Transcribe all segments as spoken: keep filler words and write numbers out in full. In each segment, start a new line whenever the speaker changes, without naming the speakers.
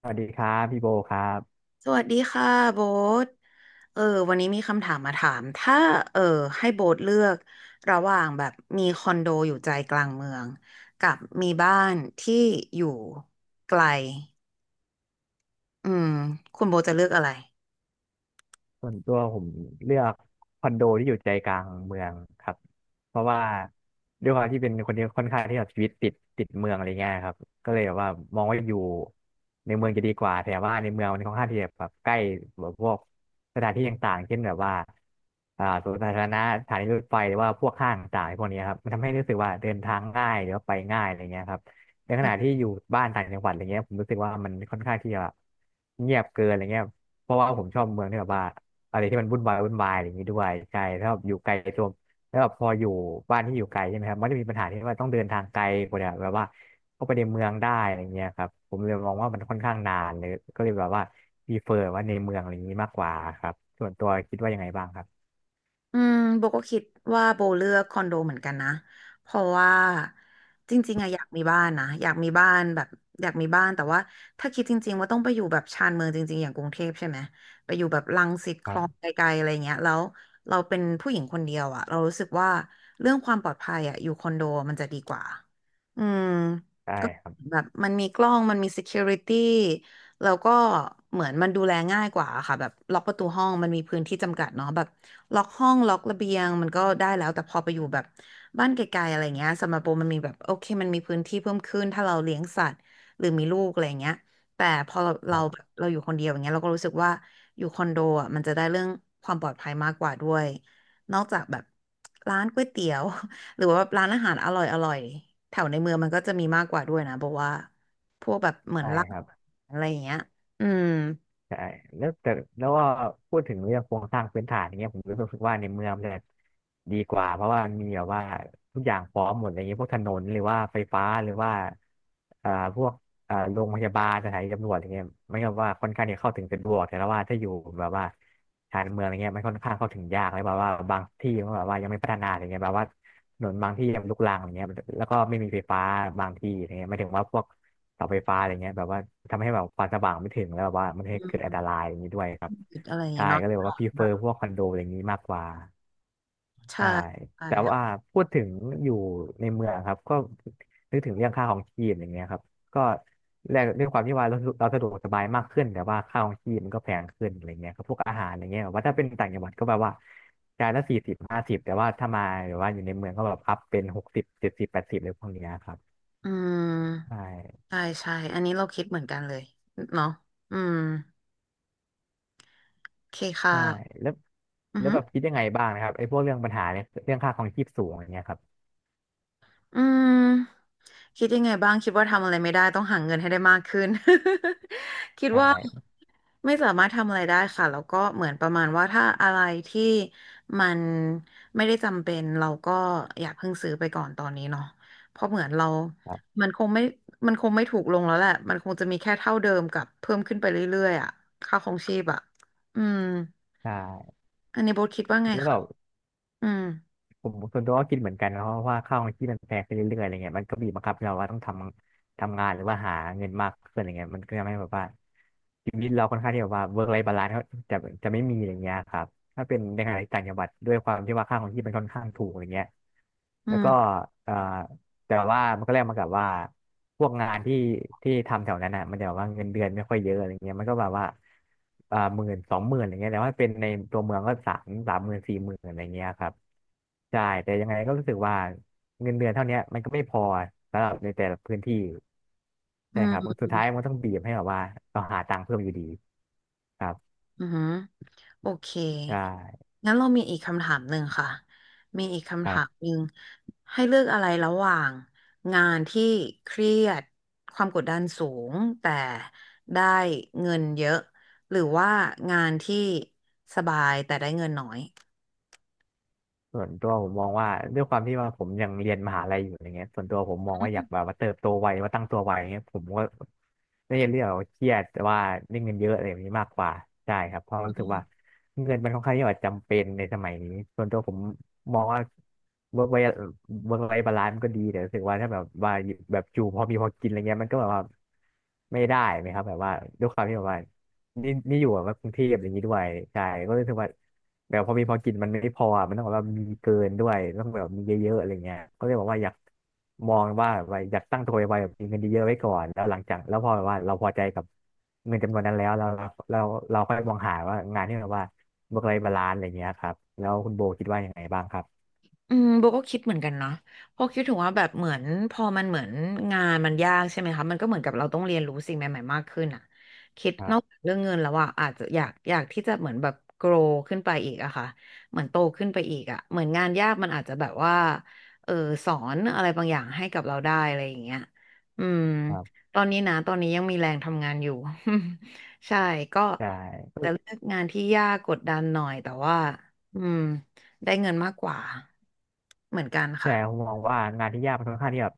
สวัสดีครับพี่โบครับ
สวัสดีค่ะโบ๊ทเออวันนี้มีคำถามมาถาม ถ้าเออให้โบ๊ทเลือกระหว่างแบบมีคอนโดอยู่ใจกลางเมืองกับมีบ้านที่อยู่ไกลอืมคุณโบ๊ทจะเลือกอะไร
ส่วนตัวผมเลือกคอนโดที่อยู่ใจกลางเมืองครับเพราะว่าด้วยความที่เป็นคนที่ค่อนข้างที่แบบชีวิตติดติดเมืองอะไรเงี้ยครับก็เลยแบบว่ามองว่าอยู่ในเมืองจะดีกว่าแต่ว่าในเมืองมันค่อนข้างที่จะแบบใกล้แบบพวกสถานที่ต่างๆเช่นแบบว่าอ่าสวนสาธารณะสถานีรถไฟหรือว่าพวกห้างต่างๆพวกนี้ครับมันทำให้รู้สึกว่าเดินทางง่ายหรือว่าไปง่ายอะไรเงี้ยครับในขณะที่อยู่บ้านต่างจังหวัดอะไรเงี้ยผมรู้สึกว่ามันค่อนข้างที่จะแบบเงียบเกินอะไรเงี้ยเพราะว่าผมชอบเมืองที่แบบว่า อะไรที่มันวุ่นวายวุ่นวายอะไรอย่างนี้ด้วยใช่ถ้าแบบอยู่ไกลตัวแล้วแบบพออยู่บ้านที่อยู่ไกลใช่ไหมครับมันจะมีปัญหาที่ว่าต้องเดินทางไกลกว่าเนี่ยแบบว่าเข้าไปในเมืองได้อะไรเงี้ยครับผมเลยมองว่ามันค่อนข้างนานเลยก็เลยแบบว่าพรีเฟอร์ว่าในเมืองอะไรอย่างนี้มากกว่าครับส่วนตัวคิดว่ายังไงบ้างครับ
อืมโบก็คิดว่าโบเลือกคอนโดเหมือนกันนะเพราะว่าจริงๆอะอยากมีบ้านนะอยากมีบ้านแบบอยากมีบ้านแต่ว่าถ้าคิดจริงๆว่าต้องไปอยู่แบบชานเมืองจริงๆอย่างกรุงเทพใช่ไหมไปอยู่แบบรังสิตค
ครั
ลอง
บ
ไกลๆอะไรเงี้ยแล้วเราเป็นผู้หญิงคนเดียวอะเรารู้สึกว่าเรื่องความปลอดภัยอะอยู่คอนโดมันจะดีกว่าอืม
ใช่
ก็
ครับ
แบบมันมีกล้องมันมี security แล้วก็เหมือนมันดูแลง่ายกว่าค่ะแบบล็อกประตูห้องมันมีพื้นที่จำกัดเนาะแบบล็อกห้องล็อกระเบียงมันก็ได้แล้วแต่พอไปอยู่แบบบ้านไกลๆอะไรเงี้ยสำหรับโบมันมีแบบโอเคมันมีพื้นที่เพิ่มขึ้นถ้าเราเลี้ยงสัตว์หรือมีลูกอะไรเงี้ยแต่พอเรา
ค
เรา
รั
แบบ
บ
เราอยู่คนเดียวอย่างเงี้ยเราก็รู้สึกว่าอยู่คอนโดอ่ะมันจะได้เรื่องความปลอดภัยมากกว่าด้วยนอกจากแบบร้านก๋วยเตี๋ยว หรือว่าแบบร้านอาหารอร่อยๆแถวในเมืองมันก็จะมีมากกว่าด้วยนะโบว่า พวกแบบเหมือน
ใช่
ล่า
ค
ง
รับ
อะไรอย่างเงี้ยอืม
ใช่แล้วแต่แล้วก็พูดถึงเรื่องโครงสร้างพื้นฐานอย่างเงี้ยผมรู้สึกว่าในเมืองมันจะดีกว่าเพราะว่ามันมีแบบว่าทุกอย่างพร้อมหมดอะไรเงี้ยพวกถนนหรือว่าไฟฟ้าหรือว่าอ่าพวกอ่าโรงพยาบาลสถานีตำรวจอะไรเงี้ยไมัก็ว่าค่อนข้างที่จะเข้าถึงสะดวกแต่ว่าถ้าอยู่แบบว่าชานเมืองอะไรเงี้ยมันค่อนข้างเข้าถึงยากเลยแบบว่าบางที่มันแบบว่ายังไม่พัฒนาอะไรเงี้ยแบบว่าถนนบางที่ยังลุกรังอะไรเงี้ยแล้วก็ไม่มีไฟฟ้าบางที่อะไรเงี้ยหมายถึงว่าพวก เสาไฟฟ้าอะไรเงี้ยแบบว่าทำให้แบบความสว่างไม่ถึงแล้วแบบว่ามันให้เกิดอันตรายอย่างนี้ด้วยครับ
คิดอะไรอย่าง
ใช่
เงี้ยเนาะ
ก็เลยบอกว่าพรีเฟ
แบ
อ
บ
ร์พวกคอนโดอะไรอย่างนี้มากกว่า
ใช่
ใช่
ใช่
แต่ว่า
ค่ะ
พูดถึงอยู่ในเมืองครับก็นึกถึงเรื่องค่าของชีพอย่างเงี้ยครับก็แลกด้วยความที่ว่าเราเราสะดวกสบายมากขึ้นแต่ว่าค่าของชีพมันก็แพงขึ้นอะไรเงี้ยครับพวกอาหารอะไรเงี้ยแบบว่าถ้าเป็นต่างจังหวัดก็แบบว่าจานละสี่สิบห้าสิบแต่ว่าถ้ามาหรือว่าอยู่ในเมืองก็แบบอัพเป็นหกสิบเจ็ดสิบแปดสิบเลยพวกเนี้ยครับ
อื
ใช่
มใช่ ใช่ อันนี้เราคิดเหมือนกันเลย เนาะอืม โอเคค่ะ
ใช่แล้ว
อือ
แล้ว
ฮึ
แบบคิดยังไงบ้างนะครับไอ้พวกเรื่องปัญหาเนี่ยเรื่องค่าครองชีพสูงอย่างเงี้ยครับ
อืมคิดยังไงบ้างคิดว่าทำอะไรไม่ได้ต้องหาเงินให้ได้มากขึ้น คิด
ใช
ว่า
่
ไม่สามารถทำอะไรได้ค่ะแล้วก็เหมือนประมาณว่าถ้าอะไรที่มันไม่ได้จำเป็นเราก็อย่าเพิ่งซื้อไปก่อนตอนนี้เนาะเพราะเหมือนเรา
ครับ
มันคงไม่มันคงไม่ถูกลงแล้วแหละมันคงจะมีแค่เท่าเดิมกับเพิ่มขึ้นไปเรื่อยๆอ่ะค่าครองชีพอ่ะอืม
ใช่
อันนี้โบทคิดว่าไง
แล้วแบ
คะ
บ
อืม
ผมส่วนตัวก็คิดเหมือนกันนะเพราะว่าค่าครองชีพมันแพงขึ้นเรื่อยๆอะไรเงี้ยมันก็บีบบังคับให้เราว่าต้องทำทำงานหรือว่าหาเงินมากขึ้นอะไรเงี้ยมันก็ทำให้แบบว่าชีวิตเราค่อนข้างที่แบบว่าเวิร์กไลฟ์บาลานซ์จะจะไม่มีอย่างเงี้ยครับถ้าเป็นในขณะที่ต่างจังหวัดด้วยความที่ว่าค่าครองชีพมันค่อนข้างถูกอย่างเงี้ย
อื
แล้วก็
ม
เอ่อ แต่ว่ามันก็แลกมากับว่าพวกงานที่ที่ทำแถวนั้นอ่ะมันจะแบบว่าเงินเดือนไม่ค่อยเยอะอะไรเงี้ยมันก็แบบว่าอ่าหมื่นสองหมื่นอะไรเงี้ยแต่ว่าเป็นในตัวเมืองก็สามสามหมื่นสี่หมื่นอะไรเงี้ยครับใช่แต่ยังไงก็รู้สึกว่าเงินเดือนเท่าเนี้ยมันก็ไม่พอสำหรับในแต่ละพื้นที่
อื
ใช่ครับ
ม
สุดท้ายมันก็ต้องบีบให้แบบว่าเราหาตังค์เพิ่มอยู่ดีครับ
อืม โอเค
ใช่
งั้นเรามีอีกคำถามหนึ่งค่ะ มีอีก
ค
คำ
รั
ถาม
บ
หนึ่งให้เลือกอะไรระหว่างงานที่เครียดความกดดันสูงแต่ได้เงินเยอะ หรือว่างานที่สบายแต่ได้เงินน้อย
ส่วนตัวผมมองว่าด้วยความที่ว่าผมยังเรียนมหาลัยอยู่อย่างเงี้ยส่วนตัวผมมองว่าอยากแบบว่าเติบโตไวว่าตั้งตัวไวอย่างเงี้ยผมก็ไม่ได้เรียกว่าเครียดแต่ว่าได้เงินเยอะอะไรแบบนี้มากกว่าใช่ครับเพราะรู้สึกว่าเงินมันค่อนข้างที่จะจำเป็นในสมัยนี้ส่วนตัวผมมองว่าวิรว้เว้บาลานซ์มันก็ดีแต่รู้สึกว่าถ้าแบบว่าแบบอยู่พอมีพอกินอะไรเงี้ยมันก็แบบว่าไม่ได้ไหมครับแบบว่าด้วยความที่แบบว่า นี่นี่อยู่แบบว่ากรุงเทพอย่างนี้ด้วยใช่ก็รู้สึกว่าแบบพอมีพอกินมันไม่พออะมันต้องแบบว่ามีเกินด้วยต้องแบบมีเยอะๆอะไรเงี้ยก็เลยบอกว่าอยากมองว่าแบบว่าอยากตั้งตัวไว้แบบมีเงินเยอะๆไว้ก่อนแล้วหลังจากแล้วพอแบบว่าเราพอใจกับเงินจำนวนนั้นแล้วเราเราเราค่อยมองหาว่างานที่แบบว่าเมื่อไรบาลานซ์อะไรเงี้ยครับแล้วคุณโบคิดว่ายังไงบ้างครับ
อืมโบก็คิดเหมือนกันเนาะเพอคิดถึงว่าแบบเหมือนพอมันเหมือนงานมันยากใช่ไหมคะมันก็เหมือนกับเราต้องเรียนรู้สิ่งใหม่ๆมากขึ้นอ่ะคิด
ครั
นอกจา
บ
กเรื่องเงินแล้วอ่ะอาจจะอยากอยากที่จะเหมือนแบบ grow ขึ้นไปอีกอะค่ะเหมือนโตขึ้นไปอีกอะ เหมือนงานยากมันอาจจะแบบว่าเออสอนอะไรบางอย่างให้กับเราได้อะไรอย่างเงี้ยอืม
ครับ
ตอนนี้นะตอนนี้ยังมีแรงทำงานอยู่ ใช่ก็
ใช
จะ
่
เลือกงานที่ยากกดดันหน่อยแต่ว่าอืม ได้เงินมากกว่าเหมือนกัน
ใช่
ค่ะ
ผมมองว่างานที่ยากมันค่อนข้างที่แบบ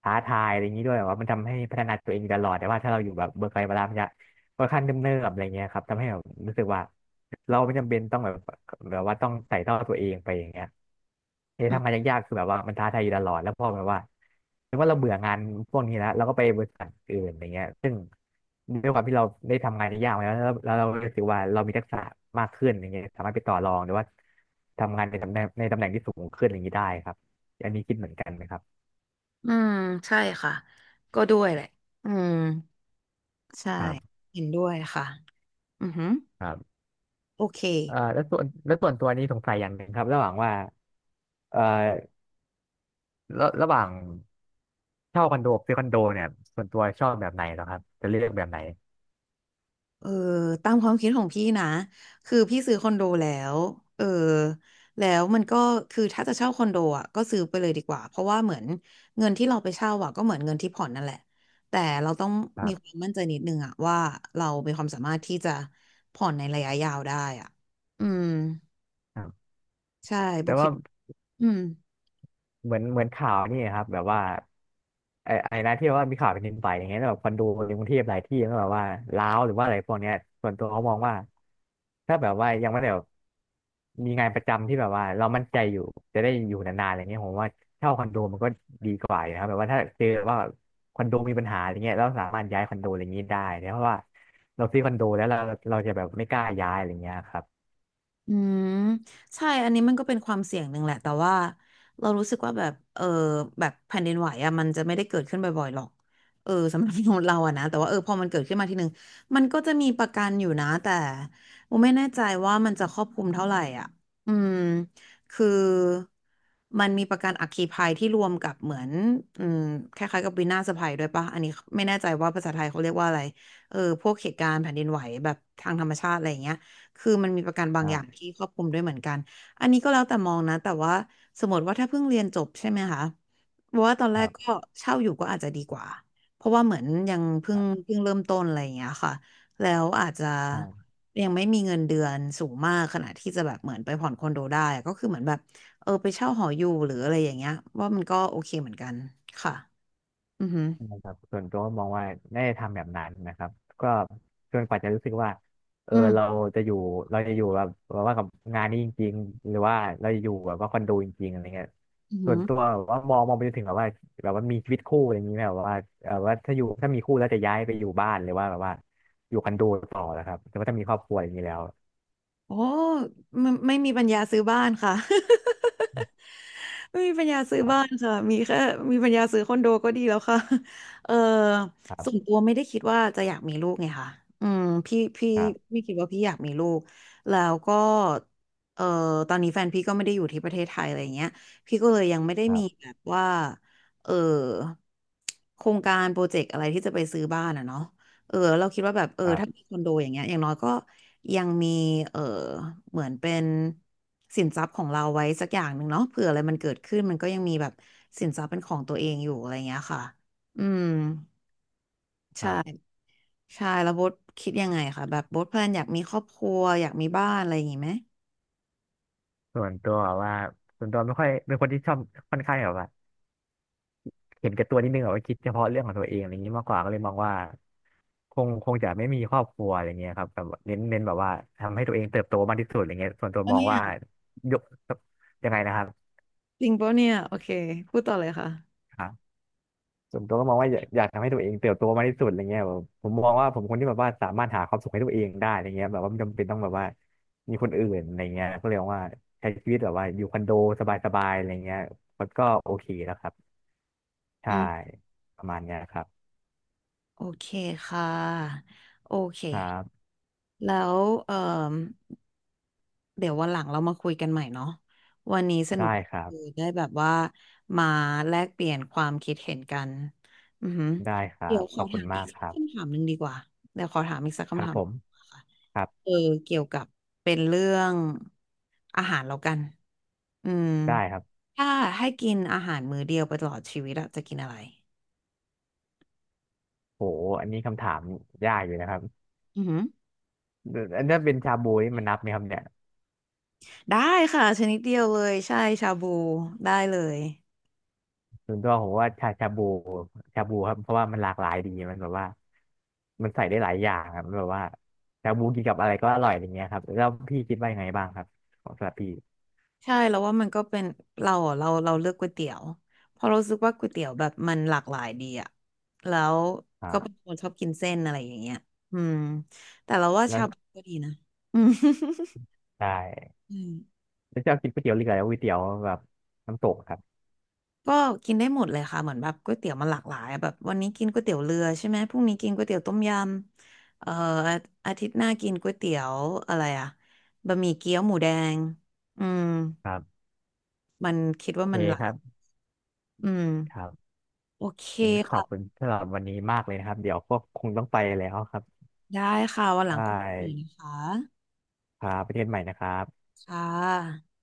ท้าทายอะไรอย่างนี้ด้วยแบบว่ามันทำให้พัฒนาตัวเองอยู่ตลอดแต่ว่าถ้าเราอยู่แบบเบิร์กไกลเวลามันจะค่อนข้างเนิ่มๆอะไรเงี้ยครับทำให้แบบรู้สึกว่าเราไม่จำเป็นต้องแบบแบบว่าต้องไต่เต้าตัวเองไปอย่างเงี้ยเออ
อืม
ทำงานยากๆคือแบบว่ามันท้าทายอยู่ตลอดแล้วพอแบบว่าถึงว่าเราเบื่องานพวกนี้แล้วเราก็ไปบริษัทอื่นอะไรเงี้ย ด้วยความที่เราได้ทำงานในยากมาแล้วแล้วแล้วเรารู้สึกว่าเรามีทักษะมากขึ้นอย่างเงี้ยสามารถไปต่อรองหรือว่าทำงานในตำแหน่งในตำแหน่งที่สูงขึ้นอย่างนี้ได้ครับอันนี้คิดเหมือนกันไหมครับ
อืมใช่ค่ะก็ด้วยแหละอืมใช่
ครับ
เห็นด้วยค่ะอือหือ
ครับ
โอเค
เอ่อแล้วส่วนแล้วส่วนตัวนี้สงสัยอย่างหนึ่งครับระหว่างว่าเอ่อระระหว่างเช่าคอนโดกับซื้อคอนโดเนี่ยส่วนตัวชอบแบบไหนเหรอครับจะเลือกแบบไหน
เออตามความคิดของพี่นะคือพี่ซื้อคอนโดแล้วเออแล้วมันก็คือถ้าจะเช่าคอนโดอ่ะก็ซื้อไปเลยดีกว่าเพราะว่าเหมือนเงินที่เราไปเช่าอ่ะก็เหมือนเงินที่ผ่อนนั่นแหละแต่เราต้อง
ครั
มีค
บ
วามมั่นใจนิดนึงอ่ะว่าเรามีความสามารถที่จะผ่อนในระยะยาวได้อ่ะอืม
ครับ
ใช่โบ
แต่
คิ
ว่า
ด อืม
เหมือนเหมือนข่าวนี่ครับแบบว่าไอ้ไอ้นะที่ว่ามีข่าวแผ่นดินไหวอย่างเงี้ยแล้วแบบคอนโดในกรุงเทพหลายที่ก็แบบว่าร้าวหรือว่าอะไรพวกเนี้ยส่วนตัวเขามองว่าถ้าแบบว่ายังไม่ได้แบบมีงานประจำที่แบบว่าเรามั่นใจอยู่จะได้อยู่นานๆอะไรเงี้ยผมว่าเช่าคอนโดมันก็ดีกว่าอยู่นะครับแบบว่าถ้าเจอว่าคอนโดมีปัญหาอะไรเงี้ยเราสามารถย้ายคอนโดอะไรเางนี้ได้เนีเพราะว่าเราซื้อคอนโดแล้วเราเราจะแบบไม่กล้าย้ายอะไรเงี้ยครับ
อืมใช่อันนี้มันก็เป็นความเสี่ยงหนึ่งแหละแต่ว่าเรารู้สึกว่าแบบเออแบบแผ่นดินไหวอะมันจะไม่ได้เกิดขึ้นบ่อยๆหรอกเออสำหรับคนษย์เราอะนะแต่ว่าเออพอมันเกิดขึ้นมาทีหนึ่งมันก็จะมีประกันอยู่นะแต่โมไม่แน่ใจว่ามันจะครอบคลุมเท่าไหร่อ่ะอืมคือมันมีประกันอัคคีภัยที่รวมกับเหมือนอืมคล้ายๆกับวินาศภัยด้วยปะอันนี้ไม่แน่ใจว่าภาษาไทยเขาเรียกว่าอะไรเออพวกเหตุการณ์แผ่นดินไหวแบบทางธรรมชาติอะไรอย่างเงี้ย คือมันมีประกันบา
ค
งอ
รั
ย่าง
บ
ที่ครอบคลุมด้วยเหมือนกัน อันนี้ก็แล้วแต่มองนะแต่ว่าสมมติว่าถ้าเพิ่งเรียนจบใช่ไหมคะเพราะว่าตอนแร
ครั
กก็
บ
เช่าอยู่ก็อาจจะดีกว่าเพราะว่าเหมือนยังเพิ่งเพิ่งเริ่มต้นอะไรอย่างเงี้ยค่ะแล้วอาจจะ
ใช่
ยังไม่มีเงินเดือนสูงมากขนาดที่จะแบบเหมือนไปผ่อนคอนโดได้อะก็คือเหมือนแบบเออไปเช่าหออยู่หรืออะไรอย่างเงี้ยว่ามันก็โอเคเหมือนกันค่ะอือหือ
นะครับส่วนตัวก็มองว่าไม่ได้ทำแบบนั้นนะครับก็จนกว่าจะรู้สึกว่าเออ
อืม
เราจะอยู่เราจะอยู่แบบว่ากับงานนี้จริงๆหรือว่าเราจะอยู่แบบว่าคอนโดจริงๆอะไรเงี้ย
อื
ส่วน
ม
ตัวแบบว่ามองมองไปจนถึงแบบว่าแบบว่ามีชีวิตคู่อะไรอย่างนี้ไหมแบบว่าเออว่าถ้าอยู่ถ้ามีคู่แล้วจะย้ายไปอยู่บ้านหรือว่าแบบว่าอยู่คอนโดต่อนะครับแต่ว่าถ้ามีครอบครัวอย่างนี้แล้ว
โอ้ไม่ไม่มีปัญญาซื้อบ้านค่ะ ไม่มีปัญญาซื้อ
ครับ
บ้านค่ะมีแค่มีปัญญาซื้อคอนโดก็ดีแล้วค่ะ เออ
ครั
ส่วน
บ
ตัวไม่ได้คิดว่าจะอยากมีลูกไงค่ะอืมพี่พี่
ครับ
ไม่คิดว่าพี่อยากมีลูกแล้วก็เออตอนนี้แฟนพี่ก็ไม่ได้อยู่ที่ประเทศไทยอะไรอย่างเงี้ยพี่ก็เลยยังไม่ได้
ครั
มี
บ
แบบว่าเออโครงการโปรเจกต์อะไรที่จะไปซื้อบ้านอ่ะเนาะ เออเราคิดว่าแบบเออ
ครั
ถ้ามี
บ
คอนโดอย่างเงี้ยอย่างน้อยก็ยังมีเออเหมือนเป็นสินทรัพย์ของเราไว้สักอย่างหนึ่งเนาะเผื่ออะไรมันเกิดขึ้นมันก็ยังมีแบบสินทรัพย์เป็นของตัวเองอยู่อะไรเงี้ยค่ะอืม
ครั
ใช่
บ
ใช่แล้วโบ๊ทคิดยังไงคะแบบโบ๊ทแพลนอยากมีครอบครัวอยากมีบ้านอะไรอย่างงี้ไหม
ส่วนตัวแบบว่าส่วนตัวไม่ค่อยเป็นคนที่ชอบค่อนข้างแบบว่า เห็นแก่ตัวนิดนึงแบบว่าคิดเฉพาะเรื่องของตัวเองอะไรอย่างนี้มากกว่าก็เลยมองว่าคงคงจะไม่มีครอบครัวอะไรเงี้ยครับแบบเน้นเน้นแบบว่าทำให้ตัวเองเติบโตมากที่สุดอะไรเงี้ยส่วนตัว
อัน
มอง
เนี้
ว่า
ย
ยกยังไงนะครับ
จริงปะเนี่ยโอเคพูดต่อเลยค่ะ
ครับส่วนตัวก็มองว่าอยากอยากทำให้ตัวเองเติบโตมากที่สุดอะไรเงี้ยแบบผมมองว่าผมคนที่แบบว่าสามารถหาความสุขให้ตัวเองได้อะไรเงี้ยแบบว่าไม่จำเป็นต้องแบบว่ามีคนอื่นอะไรเงี้ยก็เลยมองว่าใช้ชีวิตแบบว่าอยู่คอนโดสบายๆอะไรเงี้ยมันก็โอเคแล้วครับ
อื
ใช่
ม
ประมาณเนี้ยครับ
โอเคค่ะโอเค
ครับ
แล้วเออ เดี๋ยววันหลังเรามาคุยกันใหม่เนาะวันนี้สนุก
ได้ครั
คื
บ
ได้แบบว่ามาแลกเปลี่ยนความคิดเห็นกันอือหือ
ได้ครั
เดี๋ย
บ
วข
ข
อ
อบคุ
ถา
ณ
มอี
มา
ก
ก
สั
ค
ก
รับ
คำถามหนึ่งดีกว่าเดี๋ยวขอถามอีกสัก
ค
คำ
รับ
ถาม
ผม
ค่ะ
ครับ
เออเกี่ยวกับเป็นเรื่องอาหารแล้วกันอืม
ได้ครับ
ถ้าให้กินอาหารมื้อเดียวไปตลอดชีวิตอะจะกินอะไร
โหอันนี้คำถามยากอยู่นะครับ
อือหือ
อันนี้เป็นชาบูนี่มันนับไหมครับเนี่ย
ได้ค่ะชนิดเดียวเลยใช่ชาบูได้เลย
ส่วนตัวผมว่าชาชาบูชาบูครับเพราะว่ามันหลากหลายดีมันแบบว่ามันใส่ได้หลายอย่างครับมันแบบว่าชาบูกินกับอะไรก็อร่อยอย่างเงี้ยครับแล้วพี่คิดว่ายังไงบ้างครับของสำหรับพี่
ใช่แล้วว่ามันก็เป็นเราอะเราเราเลือกก๋วยเตี๋ยวเพราะเรารู้สึกว่าก๋วยเตี๋ยวแบบมันหลากหลายดีอะแล้ว
ครั
ก็เป็น
บ
คนชอบกินเส้นอะไรอย่างเงี้ยอืมแต่เราว่า
แล้ว
ชาบูก็ดีนะ อืม
ได้
อืม
แล้วชอบกินก๋วยเตี๋ยวเรือแล้วก๋วยเตี๋ยวแบบน้ำตกครับ
ก็กินได้หมดเลยค่ะเหมือนแบบก๋วยเตี๋ยวมันหลากหลายอะแบบวันนี้กินก๋วยเตี๋ยวเรือใช่ไหมพรุ่งนี้กินก๋วยเตี๋ยวต้มยำเอ่ออาอาทิตย์หน้ากินก๋วยเตี๋ยวอะไรอะบะหมี่เกี๊ยวหมูแดงอืม
ครับ
มันคิดว่า
โอเค
มันหลา
ครั
ก
บ
อืม
ครับ
โอเค
งั้นขอบคุ
ค่ะ
ณสำหรับวันนี้มากเลยนะครับเดี๋ยวก็คงต้องไปแล้วครับ
ได้ค่ะวันห
ได
ลังคุยกันอีกนะ
้
คะ
ครับไประเทศใหม่นะครับ
ค่ะ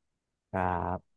ครับ